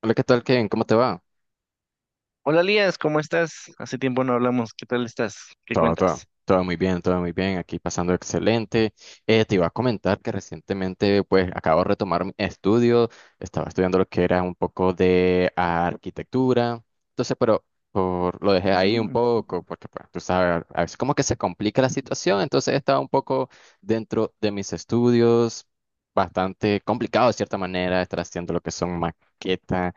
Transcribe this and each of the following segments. Hola, ¿qué tal, Kevin? ¿Cómo te va? Hola Lías, ¿cómo estás? Hace tiempo no hablamos. ¿Qué tal estás? ¿Qué Todo, todo, cuentas? todo muy bien, todo muy bien. Aquí pasando excelente. Te iba a comentar que recientemente, pues, acabo de retomar mi estudio. Estaba estudiando lo que era un poco de arquitectura. Entonces, pero por, lo dejé ahí un Ujú. poco, porque, pues, tú sabes, a veces como que se complica la situación. Entonces, estaba un poco dentro de mis estudios. Bastante complicado de cierta manera estar haciendo lo que son maquetas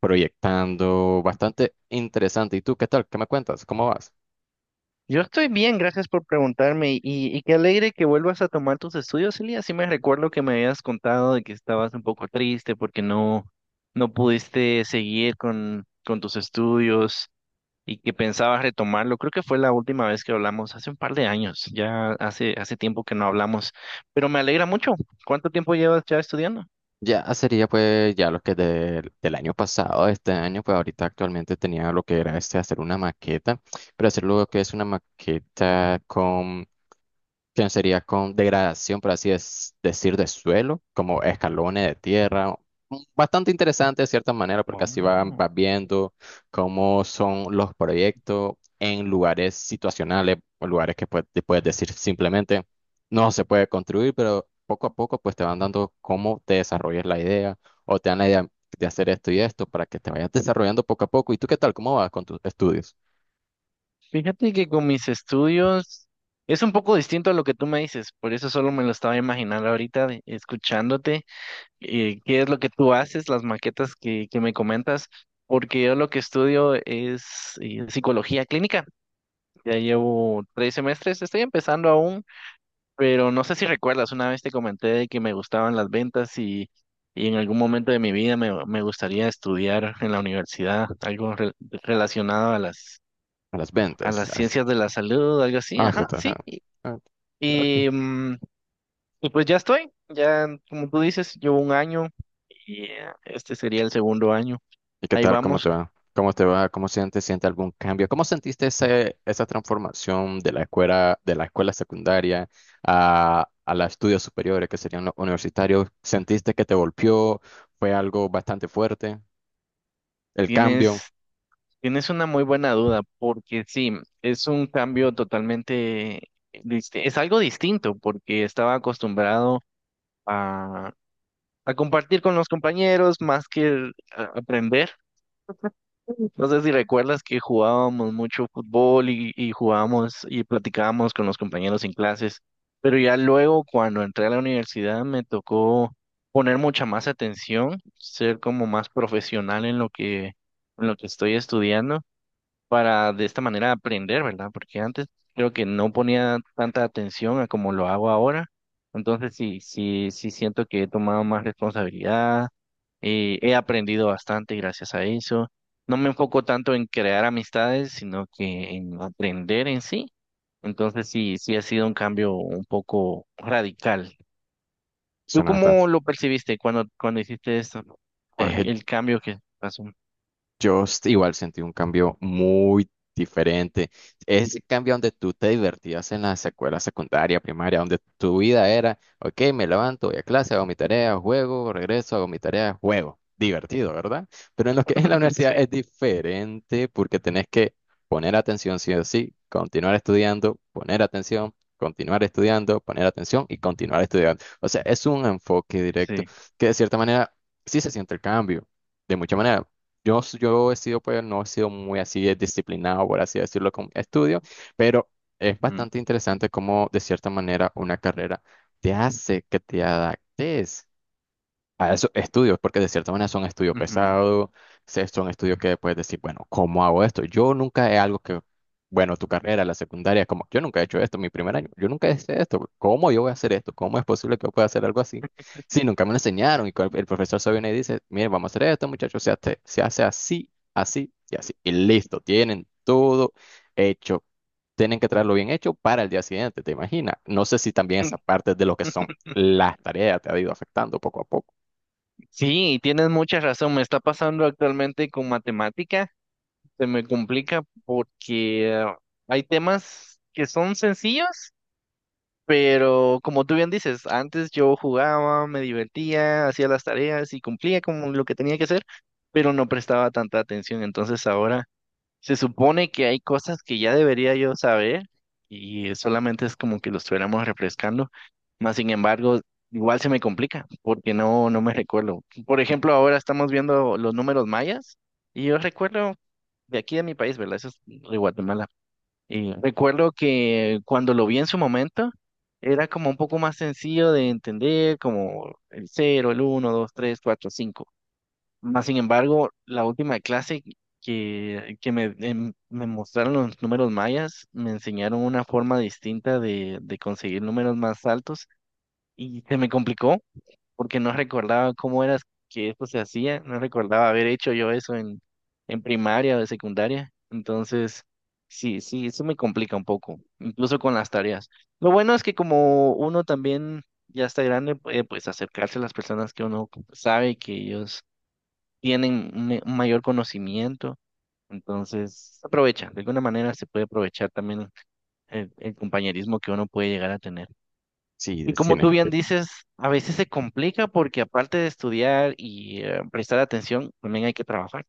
proyectando, bastante interesante. ¿Y tú qué tal? ¿Qué me cuentas? ¿Cómo vas? Yo estoy bien, gracias por preguntarme y qué alegre que vuelvas a tomar tus estudios, Elías. Sí me recuerdo que me habías contado de que estabas un poco triste porque no, no pudiste seguir con tus estudios y que pensabas retomarlo. Creo que fue la última vez que hablamos, hace un par de años, ya hace tiempo que no hablamos, pero me alegra mucho. ¿Cuánto tiempo llevas ya estudiando? Ya sería pues ya lo que del año pasado, este año, pues ahorita actualmente tenía lo que era este hacer una maqueta, pero hacer lo que es una maqueta que sería con degradación, por así es decir, de suelo, como escalones de tierra. Bastante interesante de cierta manera, porque así Oh. vas viendo cómo son los proyectos en lugares situacionales, o lugares que pues, te puedes decir simplemente no se puede construir, pero poco a poco pues te van dando cómo te desarrollas la idea o te dan la idea de hacer esto y esto para que te vayas desarrollando poco a poco. ¿Y tú qué tal? ¿Cómo vas con tus estudios? Fíjate que con mis estudios es un poco distinto a lo que tú me dices, por eso solo me lo estaba imaginando ahorita escuchándote, qué es lo que tú haces, las maquetas que me comentas, porque yo lo que estudio es psicología clínica, ya llevo 3 semestres, estoy empezando aún, pero no sé si recuerdas, una vez te comenté de que me gustaban las ventas y en algún momento de mi vida me gustaría estudiar en la universidad algo relacionado a las A las a ventas. las ciencias de la salud, algo así, Ah, sí, ajá, está, sí. Ah, ok. y, mm, y pues ya estoy, ya como tú dices, llevo un año y este sería el segundo año. ¿Y qué Ahí tal? ¿Cómo vamos, te va? ¿Cómo te va? ¿Cómo sientes? ¿Siente algún cambio? ¿Cómo sentiste ese, esa transformación de la escuela secundaria a los estudios superiores, que serían los universitarios? ¿Sentiste que te golpeó? ¿Fue algo bastante fuerte? ¿El cambio? tienes, tienes una muy buena duda, porque sí, es un cambio totalmente, es algo distinto, porque estaba acostumbrado a, a compartir con los compañeros más que aprender. No sé si recuerdas que jugábamos mucho fútbol y jugábamos y platicábamos con los compañeros en clases, pero ya luego cuando entré a la universidad me tocó poner mucha más atención, ser como más profesional en lo que estoy estudiando para de esta manera aprender, ¿verdad? Porque antes creo que no ponía tanta atención a como lo hago ahora. Entonces sí, sí, sí siento que he tomado más responsabilidad, he aprendido bastante gracias a eso. No me enfoco tanto en crear amistades, sino que en aprender en sí. Entonces sí, sí ha sido un cambio un poco radical. ¿Tú Suena bastante. cómo lo percibiste cuando hiciste esto? El cambio que pasó. Yo igual sentí un cambio muy diferente. Ese cambio donde tú te divertías en la secuela secundaria, primaria, donde tu vida era, ok, me levanto, voy a clase, hago mi tarea, juego, regreso, hago mi tarea, juego. Divertido, ¿verdad? Pero en lo que es la Sí, universidad es diferente porque tenés que poner atención sí o sí, continuar estudiando, poner atención, continuar estudiando, poner atención y continuar estudiando. O sea, es un enfoque directo sí. que de cierta manera sí se siente el cambio, de mucha manera. Yo, yo he sido, pues, no he sido muy así de disciplinado, por así decirlo, con estudio, pero es Ujú, bastante interesante cómo, de cierta manera, una carrera te hace que te adaptes a esos estudios, porque de cierta manera son estudios ujú. pesados, son estudios que puedes decir, bueno, ¿cómo hago esto? Yo nunca he algo que, bueno, tu carrera, la secundaria, como yo nunca he hecho esto, mi primer año, yo nunca hice esto, ¿cómo yo voy a hacer esto? ¿Cómo es posible que yo pueda hacer algo así? Sí, nunca me lo enseñaron y el profesor se viene y dice, miren, vamos a hacer esto, muchachos, se hace así, así y así, y listo, tienen todo hecho. Tienen que traerlo bien hecho para el día siguiente, ¿te imaginas? No sé si también esa parte de lo que son las tareas te ha ido afectando poco a poco. Sí, tienes mucha razón. Me está pasando actualmente con matemática. Se me complica porque hay temas que son sencillos, pero como tú bien dices, antes yo jugaba, me divertía, hacía las tareas y cumplía con lo que tenía que hacer, pero no prestaba tanta atención. Entonces ahora se supone que hay cosas que ya debería yo saber y solamente es como que lo estuviéramos refrescando. Más sin embargo, igual se me complica porque no, no me recuerdo. Por ejemplo, ahora estamos viendo los números mayas y yo recuerdo de aquí de mi país, ¿verdad? Eso es de Guatemala. Y recuerdo que cuando lo vi en su momento era como un poco más sencillo de entender, como el cero el uno dos tres cuatro cinco más sin embargo, la última clase que me mostraron los números mayas, me enseñaron una forma distinta de conseguir números más altos y se me complicó porque no recordaba cómo era que esto se hacía, no recordaba haber hecho yo eso en, primaria o de secundaria. Entonces, sí, sí, eso me complica un poco, incluso con las tareas. Lo bueno es que como uno también ya está grande, puede pues acercarse a las personas que uno sabe que ellos tienen un mayor conocimiento, entonces se aprovecha, de alguna manera se puede aprovechar también el compañerismo que uno puede llegar a tener. Sí, Y de como tú cine. Sí, bien dices, a veces se complica porque aparte de estudiar y prestar atención, también hay que trabajar.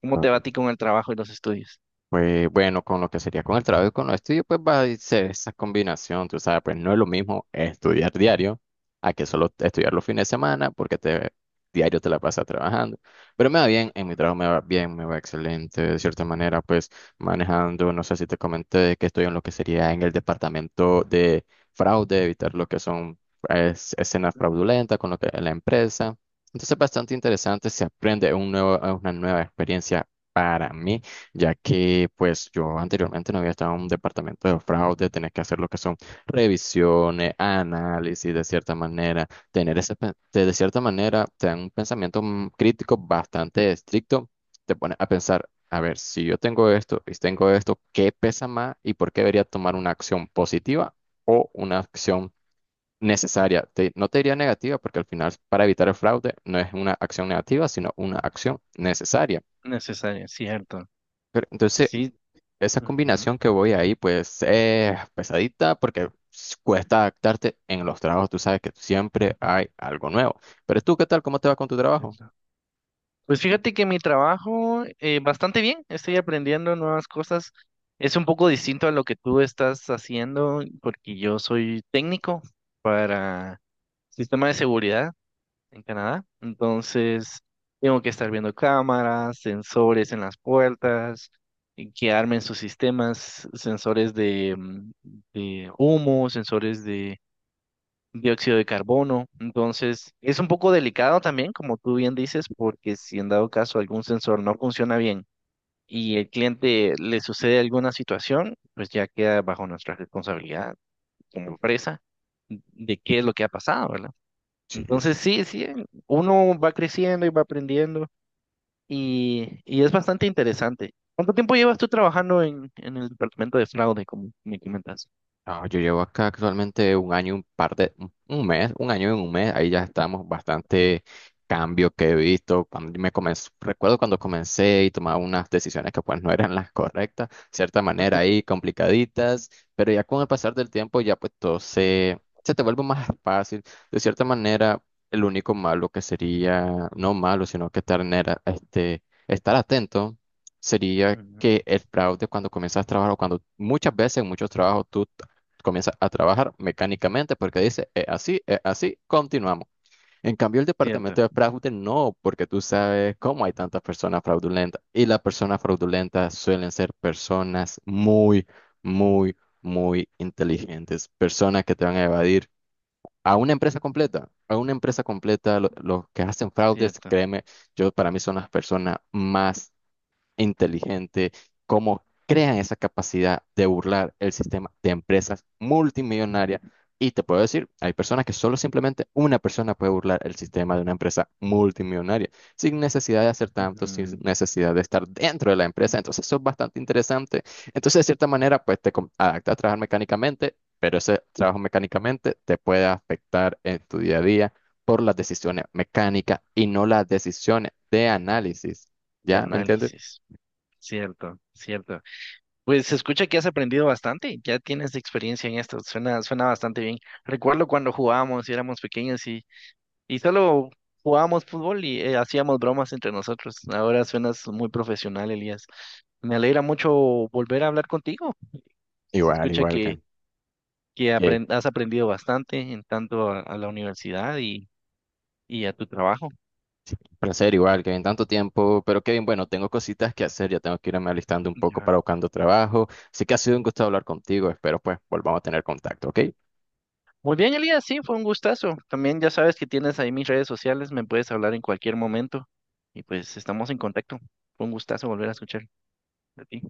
¿Cómo te va a ti correcto. con el trabajo y los estudios? Pues bueno, con lo que sería con el trabajo y con los estudios, pues va a ser esa combinación, tú sabes, pues no es lo mismo estudiar diario a que solo estudiar los fines de semana porque te, diario te la pasas trabajando. Pero me va bien, en mi trabajo me va bien, me va excelente, de cierta manera, pues manejando, no sé si te comenté que estoy en lo que sería en el departamento de fraude, evitar lo que son pues, escenas Ujú. fraudulentas con lo que la empresa. Entonces, bastante interesante, se aprende un nuevo, una nueva experiencia para mí ya que pues yo anteriormente no había estado en un departamento de fraude, tenés que hacer lo que son revisiones, análisis de cierta manera, tener ese, de cierta manera, te dan un pensamiento crítico bastante estricto, te pones a pensar, a ver, si yo tengo esto y tengo esto, ¿qué pesa más y por qué debería tomar una acción positiva o una acción necesaria? No te diría negativa porque al final para evitar el fraude no es una acción negativa, sino una acción necesaria. Necesario, cierto. Pero, entonces, Sí. esa Ujú, combinación que voy ahí, pues es pesadita porque cuesta adaptarte en los trabajos. Tú sabes que siempre hay algo nuevo. Pero tú, ¿qué tal? ¿Cómo te va con tu sí, trabajo? sí. Pues fíjate que mi trabajo bastante bien, estoy aprendiendo nuevas cosas. Es un poco distinto a lo que tú estás haciendo porque yo soy técnico para sistema de seguridad en Canadá. Entonces, tengo que estar viendo cámaras, sensores en las puertas, y que armen sus sistemas, sensores de humo, sensores dióxido de carbono. Entonces, es un poco delicado también, como tú bien dices, porque si en dado caso algún sensor no funciona bien y el cliente le sucede alguna situación, pues ya queda bajo nuestra responsabilidad como empresa de qué es lo que ha pasado, ¿verdad? Sí, Entonces, sí, sí, uno va creciendo y va aprendiendo y es bastante interesante. ¿Cuánto tiempo llevas tú trabajando en el departamento de fraude, como me comentas? no, yo llevo acá actualmente un año, y un par de, un mes, un año y un mes, ahí ya estamos, bastante cambio que he visto. Cuando me comencé, recuerdo cuando comencé y tomaba unas decisiones que pues no eran las correctas, cierta manera ahí complicaditas, pero ya con el pasar del tiempo ya pues todo se, se te vuelve más fácil. De cierta manera, el único malo que sería, no malo, sino que estar, en este, estar atento sería Ujú. que el fraude cuando comienzas a trabajar o cuando muchas veces en muchos trabajos tú comienza a trabajar mecánicamente porque dice, es así, continuamos. En cambio, el Cierto, departamento de fraude no, porque tú sabes cómo hay tantas personas fraudulentas. Y las personas fraudulentas suelen ser personas muy, muy, muy inteligentes, personas que te van a evadir a una empresa completa. A una empresa completa, los que hacen fraudes, cierto. créeme, yo para mí son las personas más inteligente, cómo crean esa capacidad de burlar el sistema de empresas multimillonarias. Y te puedo decir, hay personas que solo simplemente una persona puede burlar el sistema de una empresa multimillonaria, sin necesidad de hacer tanto, sin Ujú. necesidad de estar dentro de la empresa. Entonces, eso es bastante interesante. Entonces, de cierta manera, pues te adaptas a trabajar mecánicamente, pero ese trabajo mecánicamente te puede afectar en tu día a día por las decisiones mecánicas y no las decisiones de análisis. De ¿Ya? ¿Me entiendes? análisis. Cierto, cierto. Pues se escucha que has aprendido bastante, ya tienes experiencia en esto, suena bastante bien. Recuerdo cuando jugábamos y éramos pequeños y solo jugábamos fútbol y hacíamos bromas entre nosotros. Ahora suenas muy profesional, Elías. Me alegra mucho volver a hablar contigo. Se Igual, escucha igual, que que has aprendido bastante en tanto a la universidad y a tu trabajo. placer, igual, que en tanto tiempo. Pero Kevin, bueno, tengo cositas que hacer, ya tengo que irme alistando un poco para Ya. buscando trabajo. Así que ha sido un gusto hablar contigo, espero pues volvamos a tener contacto, ¿ok? Muy bien, Elías, sí, fue un gustazo. También ya sabes que tienes ahí mis redes sociales, me puedes hablar en cualquier momento y pues estamos en contacto. Fue un gustazo volver a escuchar de ti.